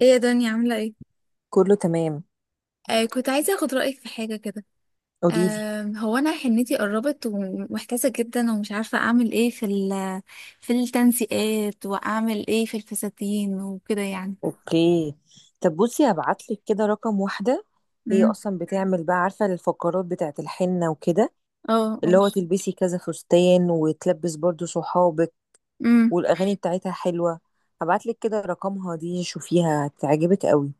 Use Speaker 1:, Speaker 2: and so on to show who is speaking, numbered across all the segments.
Speaker 1: ايه يا دنيا عاملة ايه؟
Speaker 2: كله تمام.
Speaker 1: كنت عايزة اخد رأيك في حاجة كده.
Speaker 2: قوليلي.
Speaker 1: هو انا حنتي قربت ومحتاسة جدا ومش عارفة اعمل ايه في ال في التنسيقات واعمل ايه في الفساتين وكده يعني.
Speaker 2: اوكي. طب بصي، هبعتلك كده رقم واحدة. هي
Speaker 1: امم.
Speaker 2: اصلا بتعمل بقى، عارفة الفقرات بتاعت الحنة وكده،
Speaker 1: اه،
Speaker 2: اللي
Speaker 1: اه.
Speaker 2: هو تلبسي كذا فستان وتلبس برضو صحابك،
Speaker 1: امم.
Speaker 2: والاغاني بتاعتها حلوة. هبعتلك كده رقمها، دي شوفيها هتعجبك قوي.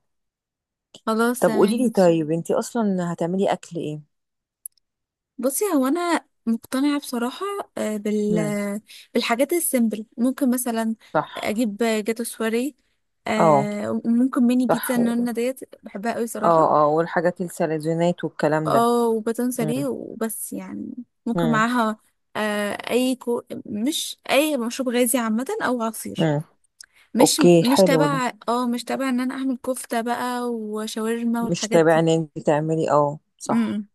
Speaker 1: خلاص
Speaker 2: طب
Speaker 1: تمام
Speaker 2: قوليلي
Speaker 1: ماشي.
Speaker 2: طيب، انتي اصلا هتعملي اكل ايه؟
Speaker 1: بصي هو انا مقتنعة بصراحة. آه بال
Speaker 2: مم.
Speaker 1: بالحاجات السيمبل ممكن مثلا
Speaker 2: صح.
Speaker 1: اجيب جاتو سواري.
Speaker 2: اه
Speaker 1: وممكن ميني
Speaker 2: صح
Speaker 1: بيتزا النونة ديت بحبها قوي صراحة.
Speaker 2: اه اه والحاجات السلزونات والكلام ده.
Speaker 1: اه، وباتون
Speaker 2: مم.
Speaker 1: ساريه وبس يعني. ممكن
Speaker 2: مم.
Speaker 1: معاها مش اي مشروب غازي عامة او عصير.
Speaker 2: مم.
Speaker 1: مش
Speaker 2: اوكي
Speaker 1: مش
Speaker 2: حلو ده.
Speaker 1: تبع اه مش تبع ان انا اعمل كفتة بقى وشاورما
Speaker 2: مش
Speaker 1: والحاجات
Speaker 2: تابع
Speaker 1: دي.
Speaker 2: ان انت تعملي، اه صح.
Speaker 1: امم.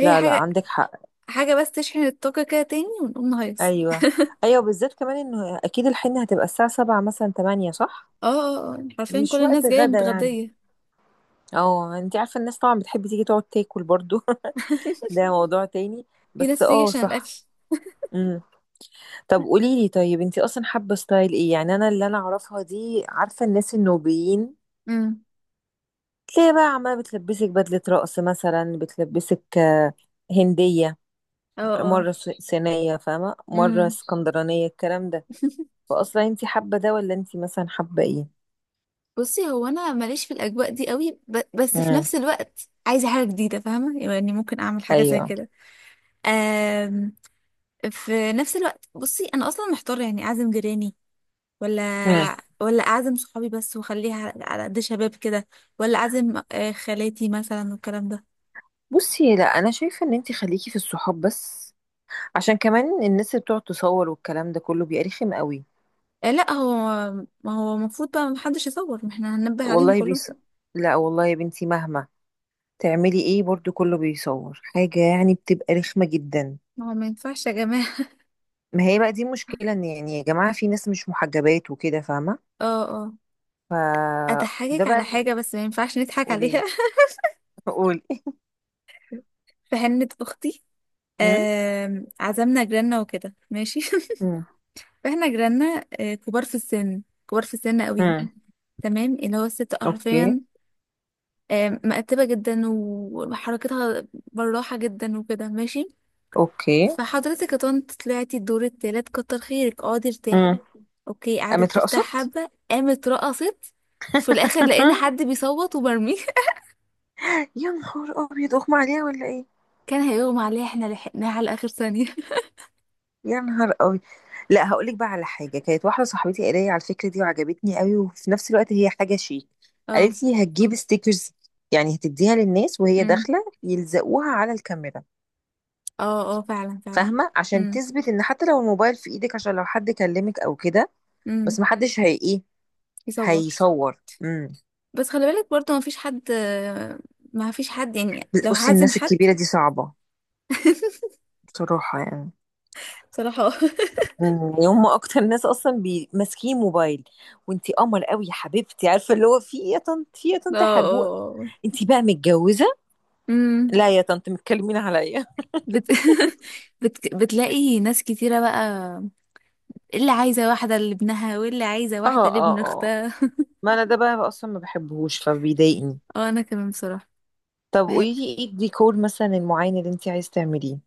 Speaker 1: هي
Speaker 2: لا لا،
Speaker 1: حاجة،
Speaker 2: عندك حق.
Speaker 1: حاجة بس تشحن الطاقة كده تاني ونقوم نهيص.
Speaker 2: ايوه ايوه، بالذات كمان انه اكيد الحنه هتبقى الساعه 7 مثلا 8، صح؟
Speaker 1: اه، اه، اه، يعني حرفيا كل
Speaker 2: مش وقت
Speaker 1: الناس جاية
Speaker 2: غدا يعني.
Speaker 1: متغدية.
Speaker 2: اه، انت عارفه الناس طبعا بتحب تيجي تقعد تاكل برضو ده موضوع تاني،
Speaker 1: في
Speaker 2: بس
Speaker 1: ناس بتيجي
Speaker 2: اه
Speaker 1: عشان
Speaker 2: صح.
Speaker 1: الاكل.
Speaker 2: امم. طب قولي لي طيب، انت اصلا حابه ستايل ايه؟ يعني انا اللي اعرفها دي، عارفه الناس النوبيين
Speaker 1: امم.
Speaker 2: تلاقي بقى عماله بتلبسك بدله رقص مثلا، بتلبسك هنديه،
Speaker 1: اه، اه.
Speaker 2: مرة سينية، فاهمة، مرة
Speaker 1: امم.
Speaker 2: اسكندرانية الكلام ده. فأصلا انتي حابة ده، ولا انتي مثلا حابة ايه؟
Speaker 1: بصي هو انا ماليش في الاجواء دي قوي بس في
Speaker 2: امم.
Speaker 1: نفس الوقت عايزة حاجة جديدة فاهمة يعني ممكن اعمل حاجة زي
Speaker 2: ايوه.
Speaker 1: كده. آم، في نفس الوقت بصي انا اصلا محتاره يعني اعزم جيراني ولا
Speaker 2: امم.
Speaker 1: ولا اعزم صحابي بس واخليها على قد شباب كده، ولا اعزم خالاتي مثلا والكلام ده.
Speaker 2: بصي لا، انا شايفة ان انتي خليكي في الصحاب بس، عشان كمان الناس اللي بتقعد تصور والكلام ده كله بيبقى رخم قوي.
Speaker 1: لا، هو ما هو المفروض بقى محدش يصور ما احنا هننبه عليهم
Speaker 2: والله
Speaker 1: كلهم.
Speaker 2: بيص، لا والله يا بنتي، مهما تعملي ايه برضو كله بيصور حاجة، يعني بتبقى رخمة جدا.
Speaker 1: ما هو ما ينفعش يا جماعه.
Speaker 2: ما هي بقى دي مشكلة، ان يعني يا جماعة في ناس مش محجبات وكده، فاهمة؟
Speaker 1: اه، اه،
Speaker 2: ف ده
Speaker 1: اضحكك
Speaker 2: بقى
Speaker 1: على حاجه بس ما ينفعش نضحك عليها.
Speaker 2: قولي. قولي.
Speaker 1: في حنه اختي. عزمنا جيراننا وكده ماشي.
Speaker 2: امم.
Speaker 1: فاحنا جيراننا كبار في السن، كبار في السن قوي.
Speaker 2: امم.
Speaker 1: تمام اللي هو الست
Speaker 2: اوكي.
Speaker 1: حرفيا مقتبة جدا وحركتها براحة جدا وكده ماشي.
Speaker 2: اوكي.
Speaker 1: فحضرتك يا طنط طلعتي الدور التالت، كتر خيرك اقعدي ارتاحي.
Speaker 2: امم.
Speaker 1: اوكي قعدت
Speaker 2: قامت
Speaker 1: ترتاح
Speaker 2: رقصت.
Speaker 1: حبة قامت رقصت. في الاخر لقينا حد بيصوت وبرميه.
Speaker 2: يا نهار ابيض، اغمى عليها ولا ايه؟
Speaker 1: كان هيغمى عليها احنا لحقناها على اخر ثانية.
Speaker 2: يا نهار ابيض. لا هقول لك بقى على حاجه، كانت واحده صاحبتي قالت لي على الفكره دي وعجبتني قوي، وفي نفس الوقت هي حاجه شيك.
Speaker 1: اه.
Speaker 2: قالت لي هتجيب ستيكرز، يعني هتديها للناس وهي
Speaker 1: امم.
Speaker 2: داخله يلزقوها على الكاميرا.
Speaker 1: اه، اه، فعلا فعلا.
Speaker 2: فاهمه؟ عشان
Speaker 1: امم،
Speaker 2: تثبت ان حتى لو الموبايل في ايدك، عشان لو حد كلمك او كده، بس
Speaker 1: امم.
Speaker 2: محدش هي ايه،
Speaker 1: يصور.
Speaker 2: هيصور. امم.
Speaker 1: بس خلي بالك برضه ما فيش حد، ما فيش حد يعني لو
Speaker 2: بصي
Speaker 1: هعزم
Speaker 2: الناس
Speaker 1: حد.
Speaker 2: الكبيره دي صعبه، بصراحه يعني.
Speaker 1: بصراحة اه.
Speaker 2: يعني هم اكتر ناس اصلا ماسكين موبايل. وانتي قمر قوي يا حبيبتي، عارفه اللي هو في ايه يا طنط، في إيه يا
Speaker 1: اه،
Speaker 2: طنط يا حربوقه،
Speaker 1: اه، آه.
Speaker 2: انتي بقى متجوزه؟
Speaker 1: امم.
Speaker 2: لا يا طنط، متكلمين عليا
Speaker 1: بت... بتلاقي ناس كتيرة بقى اللي عايزة واحدة لابنها واللي عايزة
Speaker 2: اه
Speaker 1: واحدة لابن
Speaker 2: اه اه،
Speaker 1: اختها.
Speaker 2: ما انا ده بقى اصلا ما بحبهوش، فبيضايقني.
Speaker 1: اه، انا كمان بصراحة.
Speaker 2: طب
Speaker 1: بح...
Speaker 2: قولي لي، ايه الديكور مثلا المعين اللي انتي عايز تعمليه؟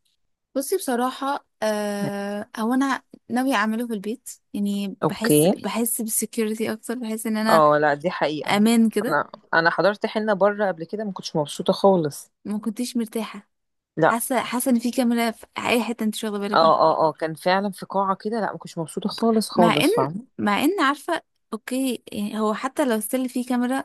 Speaker 1: بصي بصراحة هو انا ناوية اعمله في البيت يعني بحس،
Speaker 2: اوكي.
Speaker 1: بحس بالسكيورتي اكتر، بحس ان انا
Speaker 2: اه لا دي حقيقه،
Speaker 1: امان كده.
Speaker 2: انا حضرت حنه بره قبل كده، ما كنتش مبسوطه خالص.
Speaker 1: ما كنتش مرتاحة.
Speaker 2: لا.
Speaker 1: حاسة، حاسة ان في كاميرا في اي حتة انت مش واخدة بالك منها.
Speaker 2: اه اه اه، كان فعلا في قاعه كده، لا ما كنتش مبسوطه خالص
Speaker 1: مع ان
Speaker 2: خالص.
Speaker 1: مع ان عارفة، اوكي يعني هو حتى لو ستيل في كاميرا.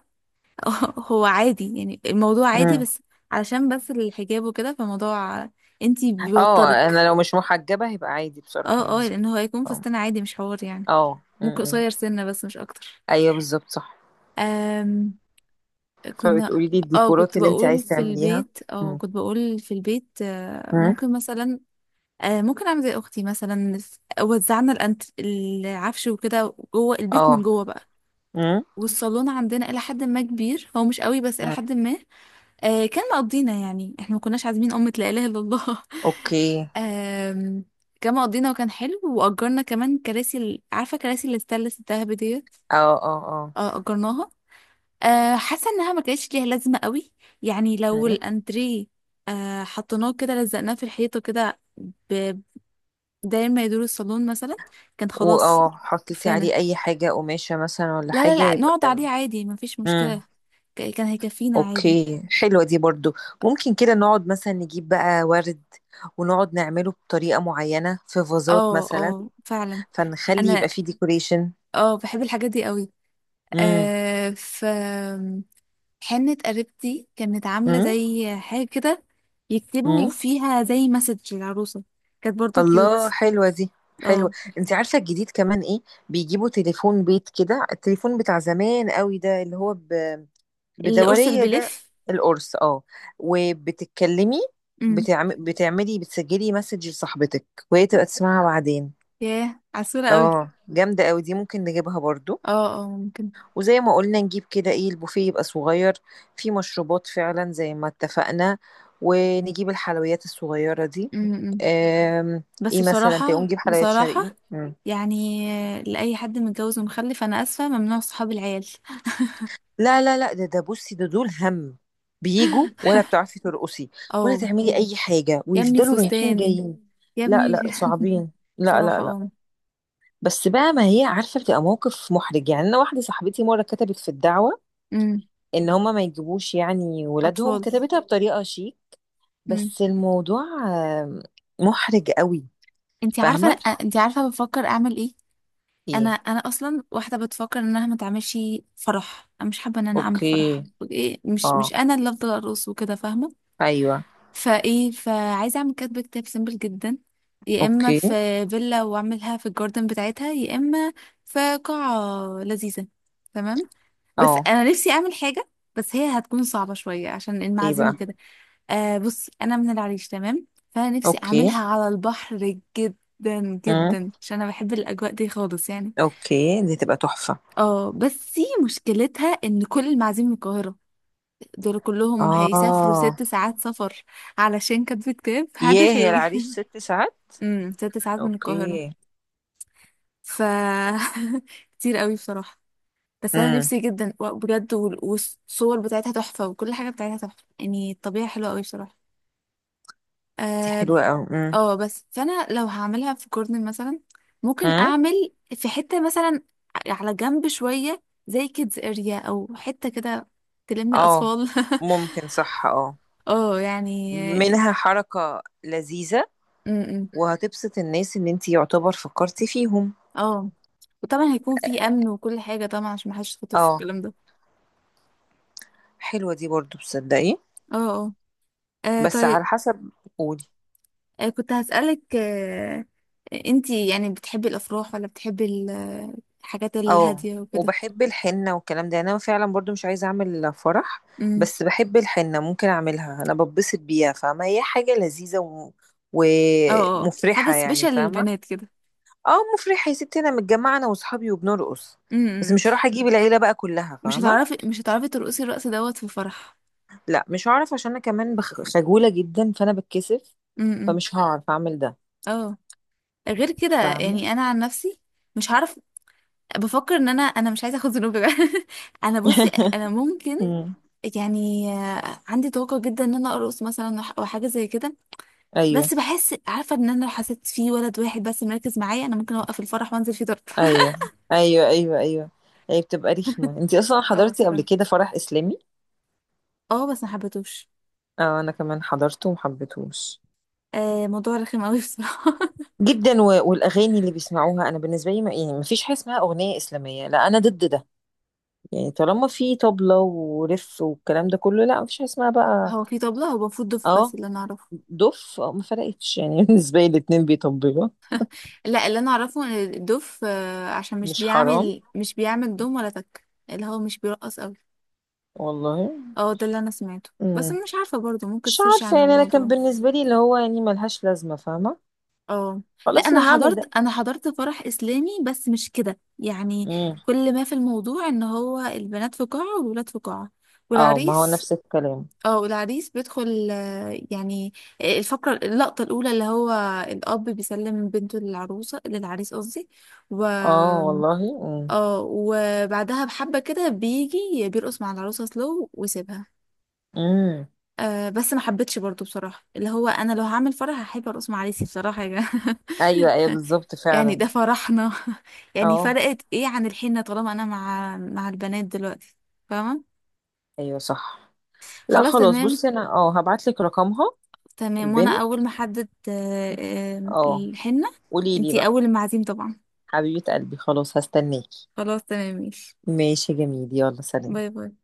Speaker 1: هو عادي يعني الموضوع عادي
Speaker 2: فاهمه.
Speaker 1: بس علشان بس الحجاب وكده فموضوع انتي
Speaker 2: اه، انا
Speaker 1: بيوترك.
Speaker 2: لو مش محجبة هيبقى عادي بصراحة
Speaker 1: اه، اه،
Speaker 2: بالنسبة
Speaker 1: لان
Speaker 2: لي.
Speaker 1: هو هيكون
Speaker 2: فاهم؟
Speaker 1: فستان عادي مش حوار يعني.
Speaker 2: اه
Speaker 1: ممكن
Speaker 2: م.
Speaker 1: قصير سنة بس مش اكتر.
Speaker 2: ايوه بالظبط صح.
Speaker 1: أم كنا
Speaker 2: فبتقولي لي
Speaker 1: اه
Speaker 2: الديكورات اللي انت عايز تعمليها. م.
Speaker 1: كنت بقول في البيت
Speaker 2: م.
Speaker 1: ممكن مثلا ممكن اعمل زي اختي مثلا وزعنا العفش وكده جوه البيت من
Speaker 2: اه.
Speaker 1: جوه بقى.
Speaker 2: م.
Speaker 1: والصالون عندنا الى حد ما كبير، هو مش قوي بس الى
Speaker 2: م.
Speaker 1: حد ما كان مقضينا يعني احنا ما كناش عازمين أمة لا إله إلا الله.
Speaker 2: اوكي.
Speaker 1: آم، كان مقضينا وكان حلو وأجرنا كمان كراسي عارفة كراسي الستانلس الدهب ديت.
Speaker 2: اه اه اه.
Speaker 1: اه، أجرناها حاسة إنها ما كانتش ليها لازمة قوي. يعني لو
Speaker 2: م.
Speaker 1: الأنتريه حطيناه كده لزقناه في الحيطة كده ب- داير ما يدور الصالون مثلا كان خلاص
Speaker 2: واه حطيتي
Speaker 1: كفانا.
Speaker 2: عليه اي حاجة قماشة مثلا ولا
Speaker 1: لا، لا،
Speaker 2: حاجة
Speaker 1: لا،
Speaker 2: يبقى
Speaker 1: نقعد عليه
Speaker 2: تمام.
Speaker 1: عادي ما فيش
Speaker 2: م.
Speaker 1: مشكلة. كان هيكفينا عادي.
Speaker 2: اوكي حلوة دي برضو. ممكن كده نقعد مثلا نجيب بقى ورد، ونقعد نعمله بطريقة معينة في فازات
Speaker 1: اه،
Speaker 2: مثلا،
Speaker 1: اه، فعلا.
Speaker 2: فنخلي
Speaker 1: انا
Speaker 2: يبقى فيه ديكوريشن.
Speaker 1: اه بحب الحاجات دي قوي. في حنة قريبتي كانت عاملة
Speaker 2: امم.
Speaker 1: زي حاجة كده يكتبوا
Speaker 2: مم.
Speaker 1: فيها زي مسج للعروسة كانت برضو
Speaker 2: الله
Speaker 1: كيوت.
Speaker 2: حلوة دي، حلوة.
Speaker 1: اه.
Speaker 2: انت عارفة الجديد كمان ايه؟ بيجيبوا تليفون بيت كده، التليفون بتاع زمان قوي ده اللي هو
Speaker 1: القرص اللي
Speaker 2: بدورية ده.
Speaker 1: بيلف.
Speaker 2: القرص، اه. وبتتكلمي،
Speaker 1: امم.
Speaker 2: بتعملي بتسجلي مسج لصاحبتك، وهي تبقى تسمعها بعدين.
Speaker 1: ياه عسولة قوي.
Speaker 2: اه جامدة قوي دي، ممكن نجيبها برضو.
Speaker 1: اه، اه، ممكن.
Speaker 2: وزي ما قلنا نجيب كده ايه، البوفيه يبقى صغير، فيه مشروبات فعلا زي ما اتفقنا، ونجيب الحلويات الصغيرة دي.
Speaker 1: امم.
Speaker 2: آم،
Speaker 1: بس
Speaker 2: ايه مثلا تقوم
Speaker 1: بصراحة
Speaker 2: نجيب حلويات
Speaker 1: بصراحة
Speaker 2: شرقي. مم.
Speaker 1: يعني لأي حد متجوز ومخلف أنا آسفة ممنوع صحاب العيال.
Speaker 2: لا لا لا، ده بصي، ده دول هم بيجوا، ولا ايوه بتعرفي ترقصي ولا
Speaker 1: اه،
Speaker 2: تعملي اي حاجة
Speaker 1: يا ابني
Speaker 2: ويفضلوا رايحين
Speaker 1: فستان،
Speaker 2: جايين.
Speaker 1: يا
Speaker 2: لا
Speaker 1: ابني.
Speaker 2: لا صعبين. لا لا
Speaker 1: بصراحة اه.
Speaker 2: لا. بس بقى ما هي عارفة، بتبقى موقف محرج. يعني انا واحدة صاحبتي مرة كتبت في الدعوة
Speaker 1: امم.
Speaker 2: ان هما ما يجيبوش يعني ولادهم،
Speaker 1: أطفال.
Speaker 2: كتبتها بطريقة شيك، بس الموضوع آه، محرج قوي.
Speaker 1: انت عارفه
Speaker 2: فاهمة؟
Speaker 1: انت عارفه بفكر اعمل ايه. انا
Speaker 2: ايه.
Speaker 1: انا اصلا واحده بتفكر انها ما تعملش فرح. انا مش حابه ان انا اعمل
Speaker 2: اوكي.
Speaker 1: فرح. ايه مش
Speaker 2: اه.
Speaker 1: مش انا اللي افضل ارقص وكده فاهمه.
Speaker 2: ايوه.
Speaker 1: فايه فعايزه اعمل كاتبه كتاب سيمبل جدا، يا اما
Speaker 2: اوكي.
Speaker 1: في فيلا واعملها في الجاردن بتاعتها، يا اما في قاعه لذيذه. تمام. بس
Speaker 2: اه.
Speaker 1: انا نفسي اعمل حاجه، بس هي هتكون صعبه شويه عشان
Speaker 2: ايه
Speaker 1: المعازيم
Speaker 2: بقى.
Speaker 1: وكده. بص انا من العريش تمام، فانا نفسي
Speaker 2: اوكي.
Speaker 1: اعملها على البحر جدا
Speaker 2: امم.
Speaker 1: جدا عشان انا بحب الاجواء دي خالص يعني.
Speaker 2: اوكي، دي تبقى تحفة.
Speaker 1: اه بس مشكلتها ان كل المعازيم من القاهره دول كلهم هيسافروا
Speaker 2: اه.
Speaker 1: 6 ساعات سفر. علشان كاتبة كتاب
Speaker 2: ياه،
Speaker 1: محدش
Speaker 2: هي
Speaker 1: هيجي.
Speaker 2: العريس ست ساعات؟
Speaker 1: 6 ساعات من القاهرة.
Speaker 2: اوكي.
Speaker 1: ف كتير قوي بصراحة. بس انا
Speaker 2: امم.
Speaker 1: نفسي جدا بجد والصور بتاعتها تحفة وكل حاجة بتاعتها تحفة يعني الطبيعة حلوة قوي بصراحة.
Speaker 2: دي
Speaker 1: اه.
Speaker 2: حلوة قوي. امم.
Speaker 1: بس فانا لو هعملها في كورنر مثلا ممكن
Speaker 2: امم.
Speaker 1: اعمل في حتة مثلا على جنب شوية زي كيدز اريا او حتة كده تلم
Speaker 2: اه
Speaker 1: الاطفال.
Speaker 2: ممكن، صح اه.
Speaker 1: اه، يعني
Speaker 2: منها حركة لذيذة،
Speaker 1: امم، امم.
Speaker 2: وهتبسط الناس، ان انتي يعتبر فكرتي فيهم.
Speaker 1: اه، وطبعا هيكون في امن وكل حاجه طبعا عشان محدش يتخطف في
Speaker 2: اه
Speaker 1: الكلام ده.
Speaker 2: حلوة دي برضو، تصدقي.
Speaker 1: اه، اه،
Speaker 2: بس
Speaker 1: طيب.
Speaker 2: على حسب. قولي.
Speaker 1: كنت هسألك انتي يعني بتحبي الافراح ولا بتحبي الحاجات
Speaker 2: اه،
Speaker 1: الهاديه وكده.
Speaker 2: وبحب الحنة والكلام ده. يعني انا فعلا برضو مش عايزة اعمل فرح،
Speaker 1: امم.
Speaker 2: بس بحب الحنة ممكن اعملها، انا ببسط بيها. فاهمة؟ هي حاجة لذيذة
Speaker 1: اه، اه، حاجه
Speaker 2: ومفرحة يعني،
Speaker 1: سبيشال
Speaker 2: فاهمة.
Speaker 1: للبنات كده.
Speaker 2: اه مفرحة يا ستي، انا متجمعة انا واصحابي وبنرقص، بس
Speaker 1: امم.
Speaker 2: مش هروح اجيب العيلة بقى كلها،
Speaker 1: مش
Speaker 2: فاهمة.
Speaker 1: هتعرفي مش هتعرفي ترقصي الرقص دوت في فرح.
Speaker 2: لا مش هعرف، عشان انا كمان خجولة جدا، فانا بتكسف،
Speaker 1: امم.
Speaker 2: فمش هعرف اعمل ده.
Speaker 1: اه، غير كده
Speaker 2: فاهمة.
Speaker 1: يعني انا عن نفسي مش هعرف. بفكر ان انا مش عايزه اخد ذنوب. انا بصي انا ممكن
Speaker 2: مم.
Speaker 1: يعني عندي طاقة جدا ان انا ارقص مثلا او حاجة زي كده. بس
Speaker 2: ايوه
Speaker 1: بحس عارفة ان انا لو حسيت في ولد واحد بس مركز معايا انا ممكن اوقف الفرح وانزل فيه ضرب.
Speaker 2: ايوه ايوه. ايوه ايوه، هي بتبقى رخمة. انتي اصلا
Speaker 1: اه
Speaker 2: حضرتي قبل
Speaker 1: بصراحة.
Speaker 2: كده فرح اسلامي؟
Speaker 1: اه بس ما حبيتهوش.
Speaker 2: آه انا كمان حضرته ومحبتهوش.
Speaker 1: موضوع رخم قوي بصراحة.
Speaker 2: جدا. والاغاني اللي بيسمعوها، انا بالنسبه لي ما... يعني ما فيش حاجه اسمها اغنيه اسلاميه، لا انا ضد ده. يعني طالما في طبله ورف والكلام ده كله، لا ما فيش حاجه اسمها بقى.
Speaker 1: هو في طبلة هو المفروض دف بس
Speaker 2: اه
Speaker 1: اللي انا اعرفه.
Speaker 2: دف. آه ما فرقتش يعني بالنسبه لي الاتنين بيطبلوا.
Speaker 1: لا اللي انا اعرفه ان الدف عشان مش
Speaker 2: مش حرام؟
Speaker 1: بيعمل مش بيعمل دم ولا تك اللي هو مش بيرقص قوي.
Speaker 2: والله.
Speaker 1: اه، ده اللي انا سمعته بس
Speaker 2: مم.
Speaker 1: مش عارفة برضو ممكن
Speaker 2: مش
Speaker 1: تسيرش عن
Speaker 2: عارفه يعني، انا كان
Speaker 1: الموضوع.
Speaker 2: بالنسبه لي اللي هو يعني ملهاش لازمه، فاهمه.
Speaker 1: اه، لا،
Speaker 2: خلاص
Speaker 1: انا
Speaker 2: اللي هعمل ده.
Speaker 1: حضرت فرح اسلامي بس مش كده يعني.
Speaker 2: مم.
Speaker 1: كل ما في الموضوع ان هو البنات في قاعة والولاد في قاعة
Speaker 2: اه، ما هو
Speaker 1: والعريس.
Speaker 2: نفس الكلام.
Speaker 1: اه، والعريس بيدخل يعني الفقرة اللقطة الأولى اللي هو الأب بيسلم بنته للعروسة للعريس قصدي و
Speaker 2: اه، والله. مم.
Speaker 1: اه وبعدها بحبة كده بيجي بيرقص مع العروسة سلو ويسيبها.
Speaker 2: مم.
Speaker 1: بس ما حبيتش برضو بصراحة اللي هو أنا لو هعمل فرح هحب أرقص مع عريسي بصراحة يا جماعة.
Speaker 2: ايوه ايوه بالظبط
Speaker 1: يعني ده
Speaker 2: فعلا.
Speaker 1: فرحنا. يعني
Speaker 2: اه
Speaker 1: فرقت ايه عن الحين طالما انا مع البنات دلوقتي. فاهمة.
Speaker 2: ايوه صح. لا
Speaker 1: خلاص
Speaker 2: خلاص،
Speaker 1: تمام.
Speaker 2: بصي انا اه هبعتلك رقمها.
Speaker 1: تمام وانا
Speaker 2: البنت.
Speaker 1: اول ما احدد
Speaker 2: اه.
Speaker 1: الحنة
Speaker 2: قولي لي
Speaker 1: انتي
Speaker 2: بقى.
Speaker 1: اول المعازيم طبعا.
Speaker 2: حبيبة قلبي، خلاص هستناكي.
Speaker 1: خلاص تمام ماشي.
Speaker 2: ماشي يا جميل، يلا سلام.
Speaker 1: باي باي.